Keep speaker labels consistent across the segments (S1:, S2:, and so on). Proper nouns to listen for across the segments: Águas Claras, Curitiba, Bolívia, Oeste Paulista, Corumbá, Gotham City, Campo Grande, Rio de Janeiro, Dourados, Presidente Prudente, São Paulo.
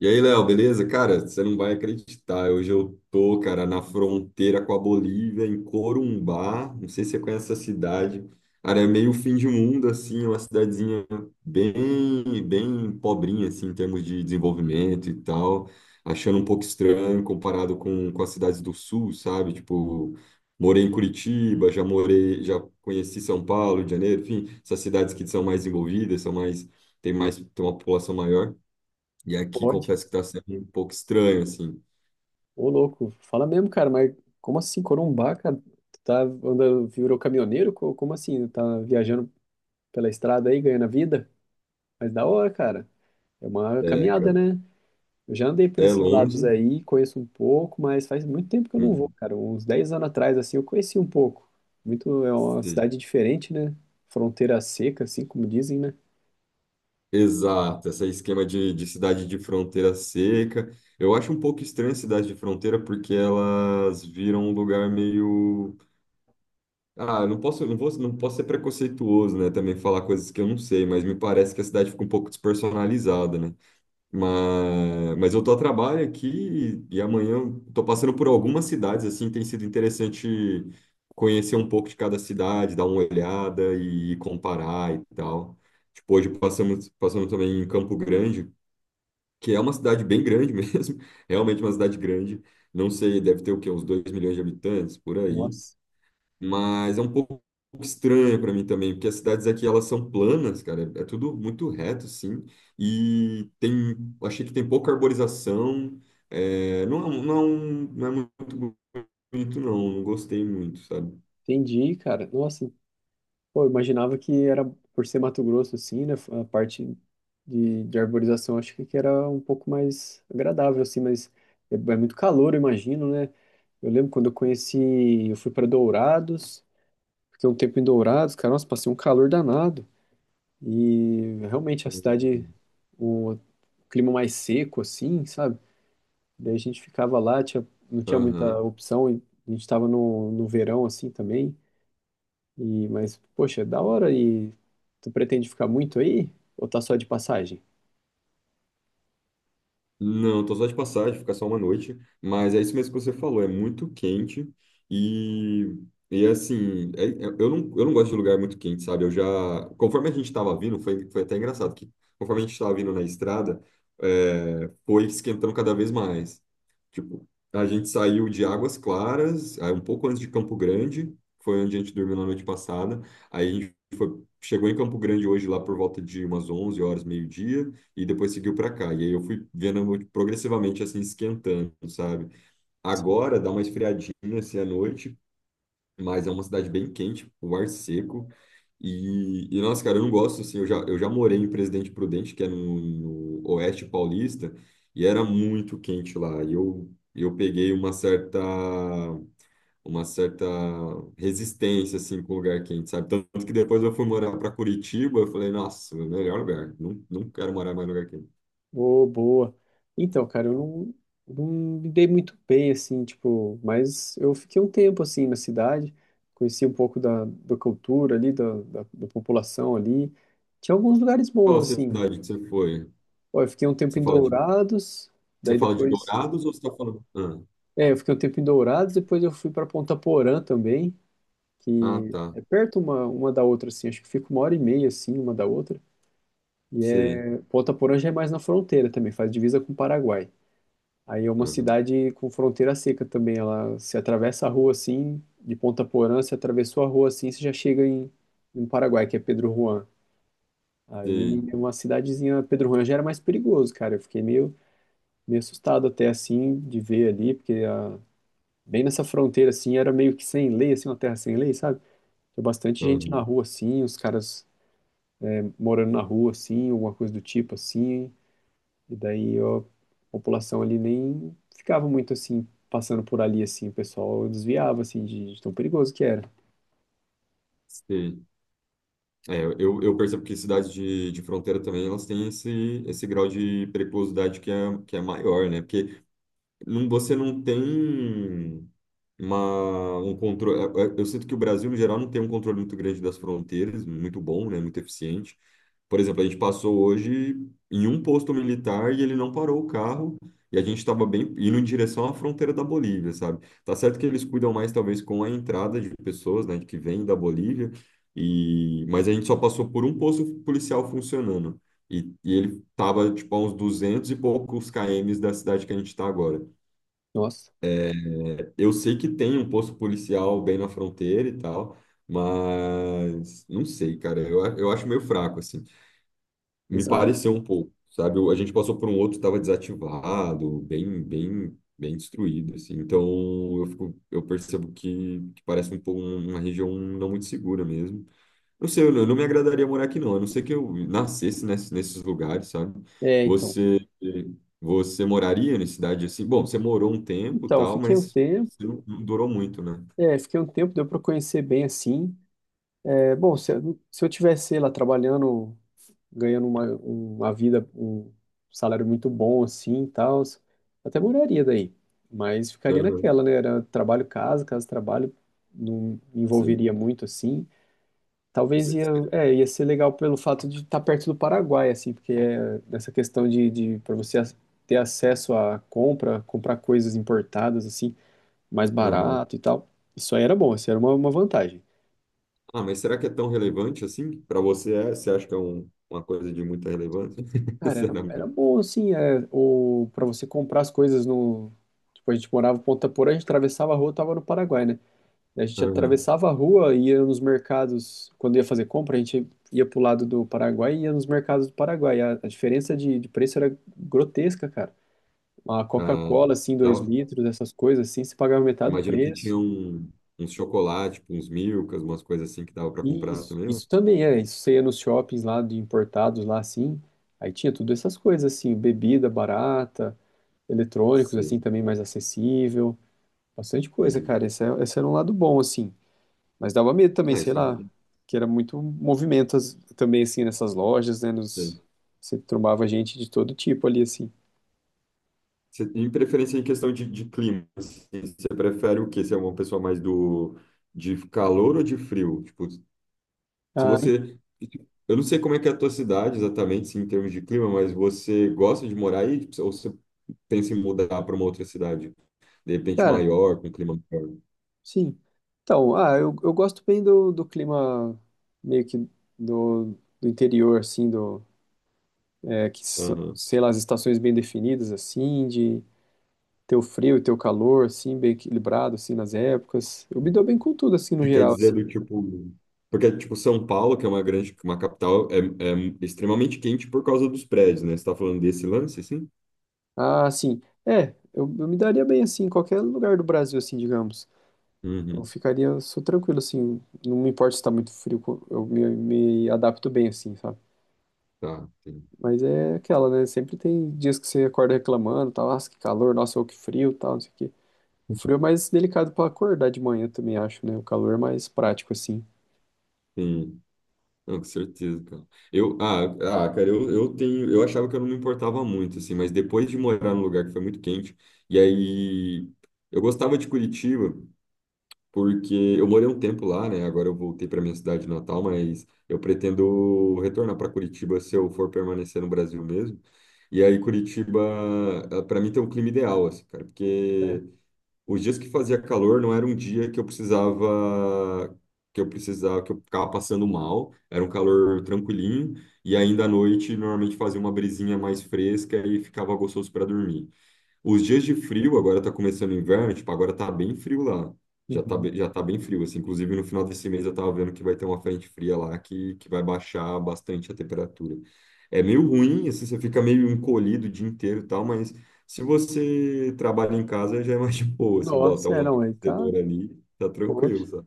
S1: E aí, Léo, beleza? Cara, você não vai acreditar. Hoje eu tô, cara, na fronteira com a Bolívia, em Corumbá. Não sei se você conhece essa cidade. Cara, é meio fim de mundo, assim, é uma cidadezinha bem, bem pobrinha, assim, em termos de desenvolvimento e tal. Achando um pouco estranho comparado com as cidades do sul, sabe? Tipo, morei em Curitiba, já morei, já conheci São Paulo, Rio de Janeiro, enfim, essas cidades que são mais envolvidas, são mais, tem uma população maior. E aqui
S2: Pode.
S1: confesso que está sendo um pouco estranho, assim.
S2: Ô, louco. Fala mesmo, cara, mas como assim, Corumbá, cara? Tu tá andando, virou caminhoneiro? Como assim? Tá viajando pela estrada aí, ganhando a vida? Mas da hora, cara. É uma
S1: É,
S2: caminhada,
S1: cara,
S2: né? Eu já andei por
S1: é
S2: esses
S1: longe.
S2: lados aí, conheço um pouco, mas faz muito tempo que eu não vou,
S1: Uhum.
S2: cara. Uns 10 anos atrás, assim, eu conheci um pouco. Muito, é uma
S1: Sim.
S2: cidade diferente, né? Fronteira seca, assim, como dizem, né?
S1: Exato, esse esquema de cidade de fronteira seca. Eu acho um pouco estranho a cidade de fronteira porque elas viram um lugar meio. Ah, eu não posso, não vou, não posso ser preconceituoso, né? Também falar coisas que eu não sei, mas me parece que a cidade fica um pouco despersonalizada, né? Mas eu tô a trabalho aqui e amanhã eu tô passando por algumas cidades, assim, tem sido interessante conhecer um pouco de cada cidade, dar uma olhada e comparar e tal. Tipo, hoje passamos também em Campo Grande, que é uma cidade bem grande mesmo, realmente uma cidade grande. Não sei, deve ter o quê? Uns 2 milhões de habitantes, por aí.
S2: Nossa,
S1: Mas é um pouco estranha para mim também, porque as cidades aqui elas são planas, cara, é tudo muito reto, sim, e tem, achei que tem pouca arborização, é, não, não, não é muito bonito, não, não gostei muito, sabe?
S2: entendi, cara. Nossa, pô, eu imaginava que era por ser Mato Grosso, assim, né? A parte de arborização, acho que era um pouco mais agradável, assim, mas é muito calor, eu imagino, né? Eu lembro quando eu conheci, eu fui para Dourados, fiquei um tempo em Dourados, cara, nossa, passei um calor danado. E realmente a cidade, o clima mais seco, assim, sabe? Daí a gente ficava lá, tinha, não tinha muita
S1: Aham.
S2: opção, e a gente estava no verão, assim, também. E, mas, poxa, é da hora. E tu pretende ficar muito aí? Ou tá só de passagem?
S1: Não, tô só de passagem, ficar só uma noite, mas é isso mesmo que você falou, é muito quente e, e assim, eu não gosto de lugar muito quente, sabe? Eu já, conforme a gente estava vindo, foi até engraçado que conforme a gente estava vindo na estrada, é, foi esquentando cada vez mais. Tipo, a gente saiu de Águas Claras, aí um pouco antes de Campo Grande, foi onde a gente dormiu na noite passada. Aí a gente chegou em Campo Grande hoje lá por volta de umas 11h, meio-dia, e depois seguiu para cá. E aí eu fui vendo progressivamente assim esquentando, sabe?
S2: Sim.
S1: Agora dá uma esfriadinha assim à noite, mas é uma cidade bem quente, o ar seco. Nossa, cara, eu não gosto, assim, eu já morei em Presidente Prudente, que é no Oeste Paulista, e era muito quente lá, e eu peguei uma certa resistência, assim, com o lugar quente, sabe? Tanto que depois eu fui morar para Curitiba, eu falei, nossa, melhor lugar, não, não quero morar mais em lugar quente.
S2: Ô, boa. Então, cara, eu não me dei muito bem, assim, tipo, mas eu fiquei um tempo, assim, na cidade, conheci um pouco da cultura ali, da população ali. Tinha alguns lugares bons,
S1: Qual
S2: assim.
S1: cidade que você foi?
S2: Ó, eu fiquei um tempo
S1: Você
S2: em
S1: fala de,
S2: Dourados,
S1: Você
S2: daí
S1: fala de
S2: depois.
S1: Dourados ou você tá falando... Ah,
S2: É, eu fiquei um tempo em Dourados, depois eu fui pra Ponta Porã também.
S1: ah,
S2: Que
S1: tá,
S2: é perto uma da outra, assim, acho que fica uma hora e meia, assim, uma da outra. E
S1: sei,
S2: é, Ponta Porã já é mais na fronteira também, faz divisa com o Paraguai. Aí é uma
S1: aham,
S2: cidade com fronteira seca também, ela se atravessa a rua, assim, de Ponta Porã, se atravessou a rua, assim, você já chega em Paraguai, que é Pedro Juan. Aí
S1: sei,
S2: é uma cidadezinha, Pedro Juan já era mais perigoso, cara, eu fiquei meio assustado até, assim, de ver ali, bem nessa fronteira, assim, era meio que sem lei, assim, uma terra sem lei, sabe? Tinha bastante gente na
S1: aham,
S2: rua, assim, os caras morando na rua, assim, alguma coisa do tipo, assim, e daí ó, a população ali nem ficava muito, assim, passando por ali, assim, o pessoal desviava, assim, de tão perigoso que era.
S1: sei. É, eu percebo que cidades de fronteira também elas têm esse grau de periculosidade que é maior, né? Porque você não tem um controle. Eu sinto que o Brasil, no geral, não tem um controle muito grande das fronteiras, muito bom, né? Muito eficiente. Por exemplo, a gente passou hoje em um posto militar e ele não parou o carro e a gente estava bem indo em direção à fronteira da Bolívia, sabe? Tá certo que eles cuidam mais, talvez, com a entrada de pessoas, né, que vêm da Bolívia, e... mas a gente só passou por um posto policial funcionando. E ele estava, tipo, a uns 200 e poucos km da cidade que a gente está agora.
S2: Nossa,
S1: Eu sei que tem um posto policial bem na fronteira e tal, mas não sei, cara. Eu acho meio fraco, assim. Me
S2: exato.
S1: pareceu um pouco, sabe? A gente passou por um outro que estava desativado, bem, bem, bem destruído, assim. Então eu percebo que parece um pouco uma região não muito segura mesmo. Eu sei, eu não me agradaria morar aqui, não. A não ser que eu nascesse nesses lugares, sabe?
S2: É, então.
S1: Você, você moraria em cidade assim? Bom, você morou um tempo, e
S2: Então,
S1: tal, mas você não durou muito, né?
S2: fiquei um tempo, deu pra conhecer bem, assim. É, bom, se eu tivesse, sei lá, trabalhando ganhando uma vida, um salário muito bom assim e tal, até moraria daí. Mas ficaria
S1: Aham,
S2: naquela, né? Era trabalho casa, casa trabalho, não me
S1: sei.
S2: envolveria muito assim. Talvez
S1: Você- você-
S2: ia ser legal pelo fato de estar perto do Paraguai, assim, porque é nessa questão de para você ter acesso à compra, comprar coisas importadas, assim, mais
S1: aham.
S2: barato e tal. Isso aí era bom, isso era uma vantagem.
S1: Ah, mas será que é tão relevante assim? Para você, é, você acha que uma coisa de muita relevância?
S2: Cara, era
S1: Sinceramente.
S2: bom, assim, pra você comprar as coisas no... Tipo, a gente morava em Ponta Porã, a gente atravessava a rua, tava no Paraguai, né? Daí a gente
S1: Aham.
S2: atravessava a rua, ia nos mercados, quando ia fazer compra, a gente ia pro lado do Paraguai e ia nos mercados do Paraguai. A diferença de preço era grotesca, cara. Uma
S1: Ah,
S2: Coca-Cola, assim, dois
S1: dava-
S2: litros, essas coisas, assim, se pagava metade do
S1: imagino que
S2: preço.
S1: tinha uns chocolates, tipo, uns milkas, umas coisas assim que dava para comprar
S2: isso,
S1: também, né?
S2: isso também isso você ia nos shoppings lá, de importados lá, assim, aí tinha tudo essas coisas, assim, bebida barata... Eletrônicos,
S1: Sei.
S2: assim, também mais acessível. Bastante coisa,
S1: Uhum.
S2: cara. Esse era um lado bom, assim. Mas dava medo também,
S1: Ah,
S2: sei
S1: isso é
S2: lá,
S1: maneiro.
S2: que era muito movimento também, assim, nessas lojas, né? Você trombava gente de todo tipo ali, assim.
S1: Você, em preferência em questão de clima, assim, você prefere o quê? Você é uma pessoa mais do de calor ou de frio? Tipo, se
S2: Ah, e,
S1: você, eu não sei como é que é a tua cidade exatamente, assim, em termos de clima, mas você gosta de morar aí. Tipo, ou você pensa em mudar para uma outra cidade, de repente
S2: cara,
S1: maior, com clima maior?
S2: sim. Então, ah, eu gosto bem do clima meio que do, do interior, assim, do, é, que, so-
S1: Aham.
S2: sei lá, as estações bem definidas, assim, de ter o frio e ter o calor, assim, bem equilibrado, assim, nas épocas. Eu me dou bem com tudo, assim, no
S1: Você quer
S2: geral,
S1: dizer
S2: assim.
S1: do tipo, porque tipo São Paulo, que é uma capital, é extremamente quente por causa dos prédios, né? Você está falando desse lance, assim?
S2: Ah, sim. É, eu me daria bem assim, em qualquer lugar do Brasil, assim, digamos. Eu
S1: Uhum.
S2: ficaria, eu sou tranquilo, assim. Não me importa se tá muito frio, eu me adapto bem, assim, sabe?
S1: Tá. Sim.
S2: Mas é aquela, né? Sempre tem dias que você acorda reclamando, tal, nossa, que calor, nossa, ô, que frio, tal, não sei o quê. O frio é mais delicado pra acordar de manhã também, acho, né? O calor é mais prático, assim.
S1: Sim. Não, com certeza, cara. Eu, cara, eu achava que eu não me importava muito, assim, mas depois de morar num lugar que foi muito quente, e aí eu gostava de Curitiba, porque eu morei um tempo lá, né? Agora eu voltei para minha cidade natal, mas eu pretendo retornar para Curitiba se eu for permanecer no Brasil mesmo. E aí Curitiba, para mim tem um clima ideal, assim, cara,
S2: É.
S1: porque os dias que fazia calor não era um dia que eu precisava, que eu ficava passando mal. Era um calor tranquilinho e ainda à noite normalmente fazia uma brisinha mais fresca e ficava gostoso para dormir. Os dias de frio, agora tá começando o inverno, tipo, agora tá bem frio lá. Já tá,
S2: Uhum.
S1: be- já tá bem frio, assim. Inclusive, no final desse mês eu tava vendo que vai ter uma frente fria lá que vai baixar bastante a temperatura. É meio ruim, assim, você fica meio encolhido o dia inteiro e tal, mas se você trabalha em casa já é mais de boa. Você bota
S2: Nossa, é,
S1: um
S2: não, aí tá,
S1: aquecedor ali, tá
S2: poxa,
S1: tranquilo, sabe?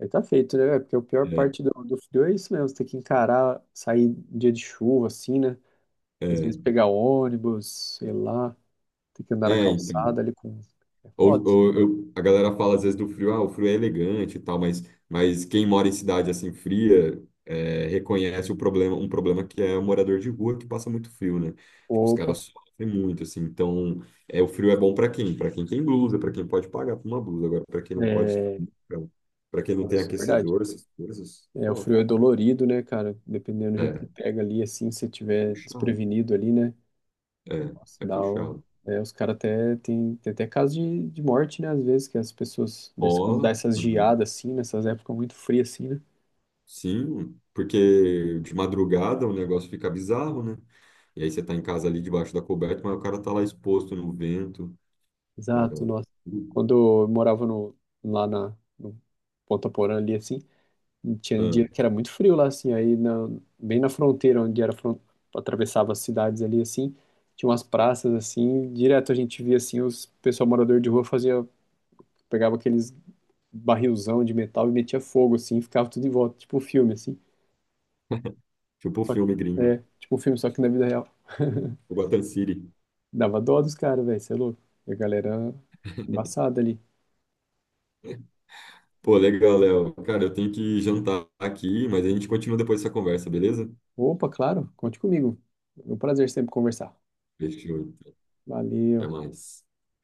S2: aí tá feito, né? Porque a pior
S1: É,
S2: parte do frio é isso mesmo, você ter que encarar, sair dia de chuva, assim, né? Às
S1: é,
S2: vezes pegar ônibus, sei lá, tem que andar na
S1: é, então.
S2: calçada ali com. É foda.
S1: A galera fala às vezes do frio, ah, o frio é elegante e tal, mas quem mora em cidade assim fria reconhece o problema, um problema que é o morador de rua que passa muito frio, né? Tipo, os
S2: Opa,
S1: caras sofrem muito, assim. Então, o frio é bom para quem? Para quem tem blusa, para quem pode pagar por uma blusa. Agora, para quem não pode,
S2: é.
S1: para quem não
S2: Não,
S1: tem
S2: isso é verdade.
S1: aquecedor, essas coisas,
S2: É, o
S1: sofre.
S2: frio é dolorido, né, cara? Dependendo do jeito
S1: É,
S2: que pega ali, assim, se
S1: é
S2: tiver
S1: puxado.
S2: desprevenido ali, né?
S1: É,
S2: Nossa,
S1: é puxado.
S2: os caras até tem até caso de morte, né? Às vezes, que as pessoas, quando dá
S1: Rola.
S2: essas
S1: Uhum.
S2: geadas assim, nessas épocas muito frias assim, né?
S1: Sim, porque de madrugada o negócio fica bizarro, né? E aí você tá em casa ali debaixo da coberta, mas o cara tá lá exposto no vento. É,
S2: Exato, nossa. Quando eu morava no Ponta Porã ali, assim, e tinha
S1: ah,
S2: dia que era muito frio lá, assim, bem na fronteira, atravessava as cidades ali, assim, tinha umas praças, assim, direto a gente via, assim, os pessoal morador de rua fazia, pegava aqueles barrilzão de metal e metia fogo, assim, e ficava tudo em volta, tipo um filme, assim,
S1: tipo o
S2: só que,
S1: filme gringo,
S2: tipo um filme, só que na vida real.
S1: o Gotham City.
S2: Dava dó dos caras, velho, você é louco. E a galera embaçada ali.
S1: Pô, legal, Léo. Cara, eu tenho que jantar aqui, mas a gente continua depois dessa conversa, beleza?
S2: Opa, claro, conte comigo. É um prazer sempre conversar.
S1: Fechou, então.
S2: Valeu.
S1: Até mais.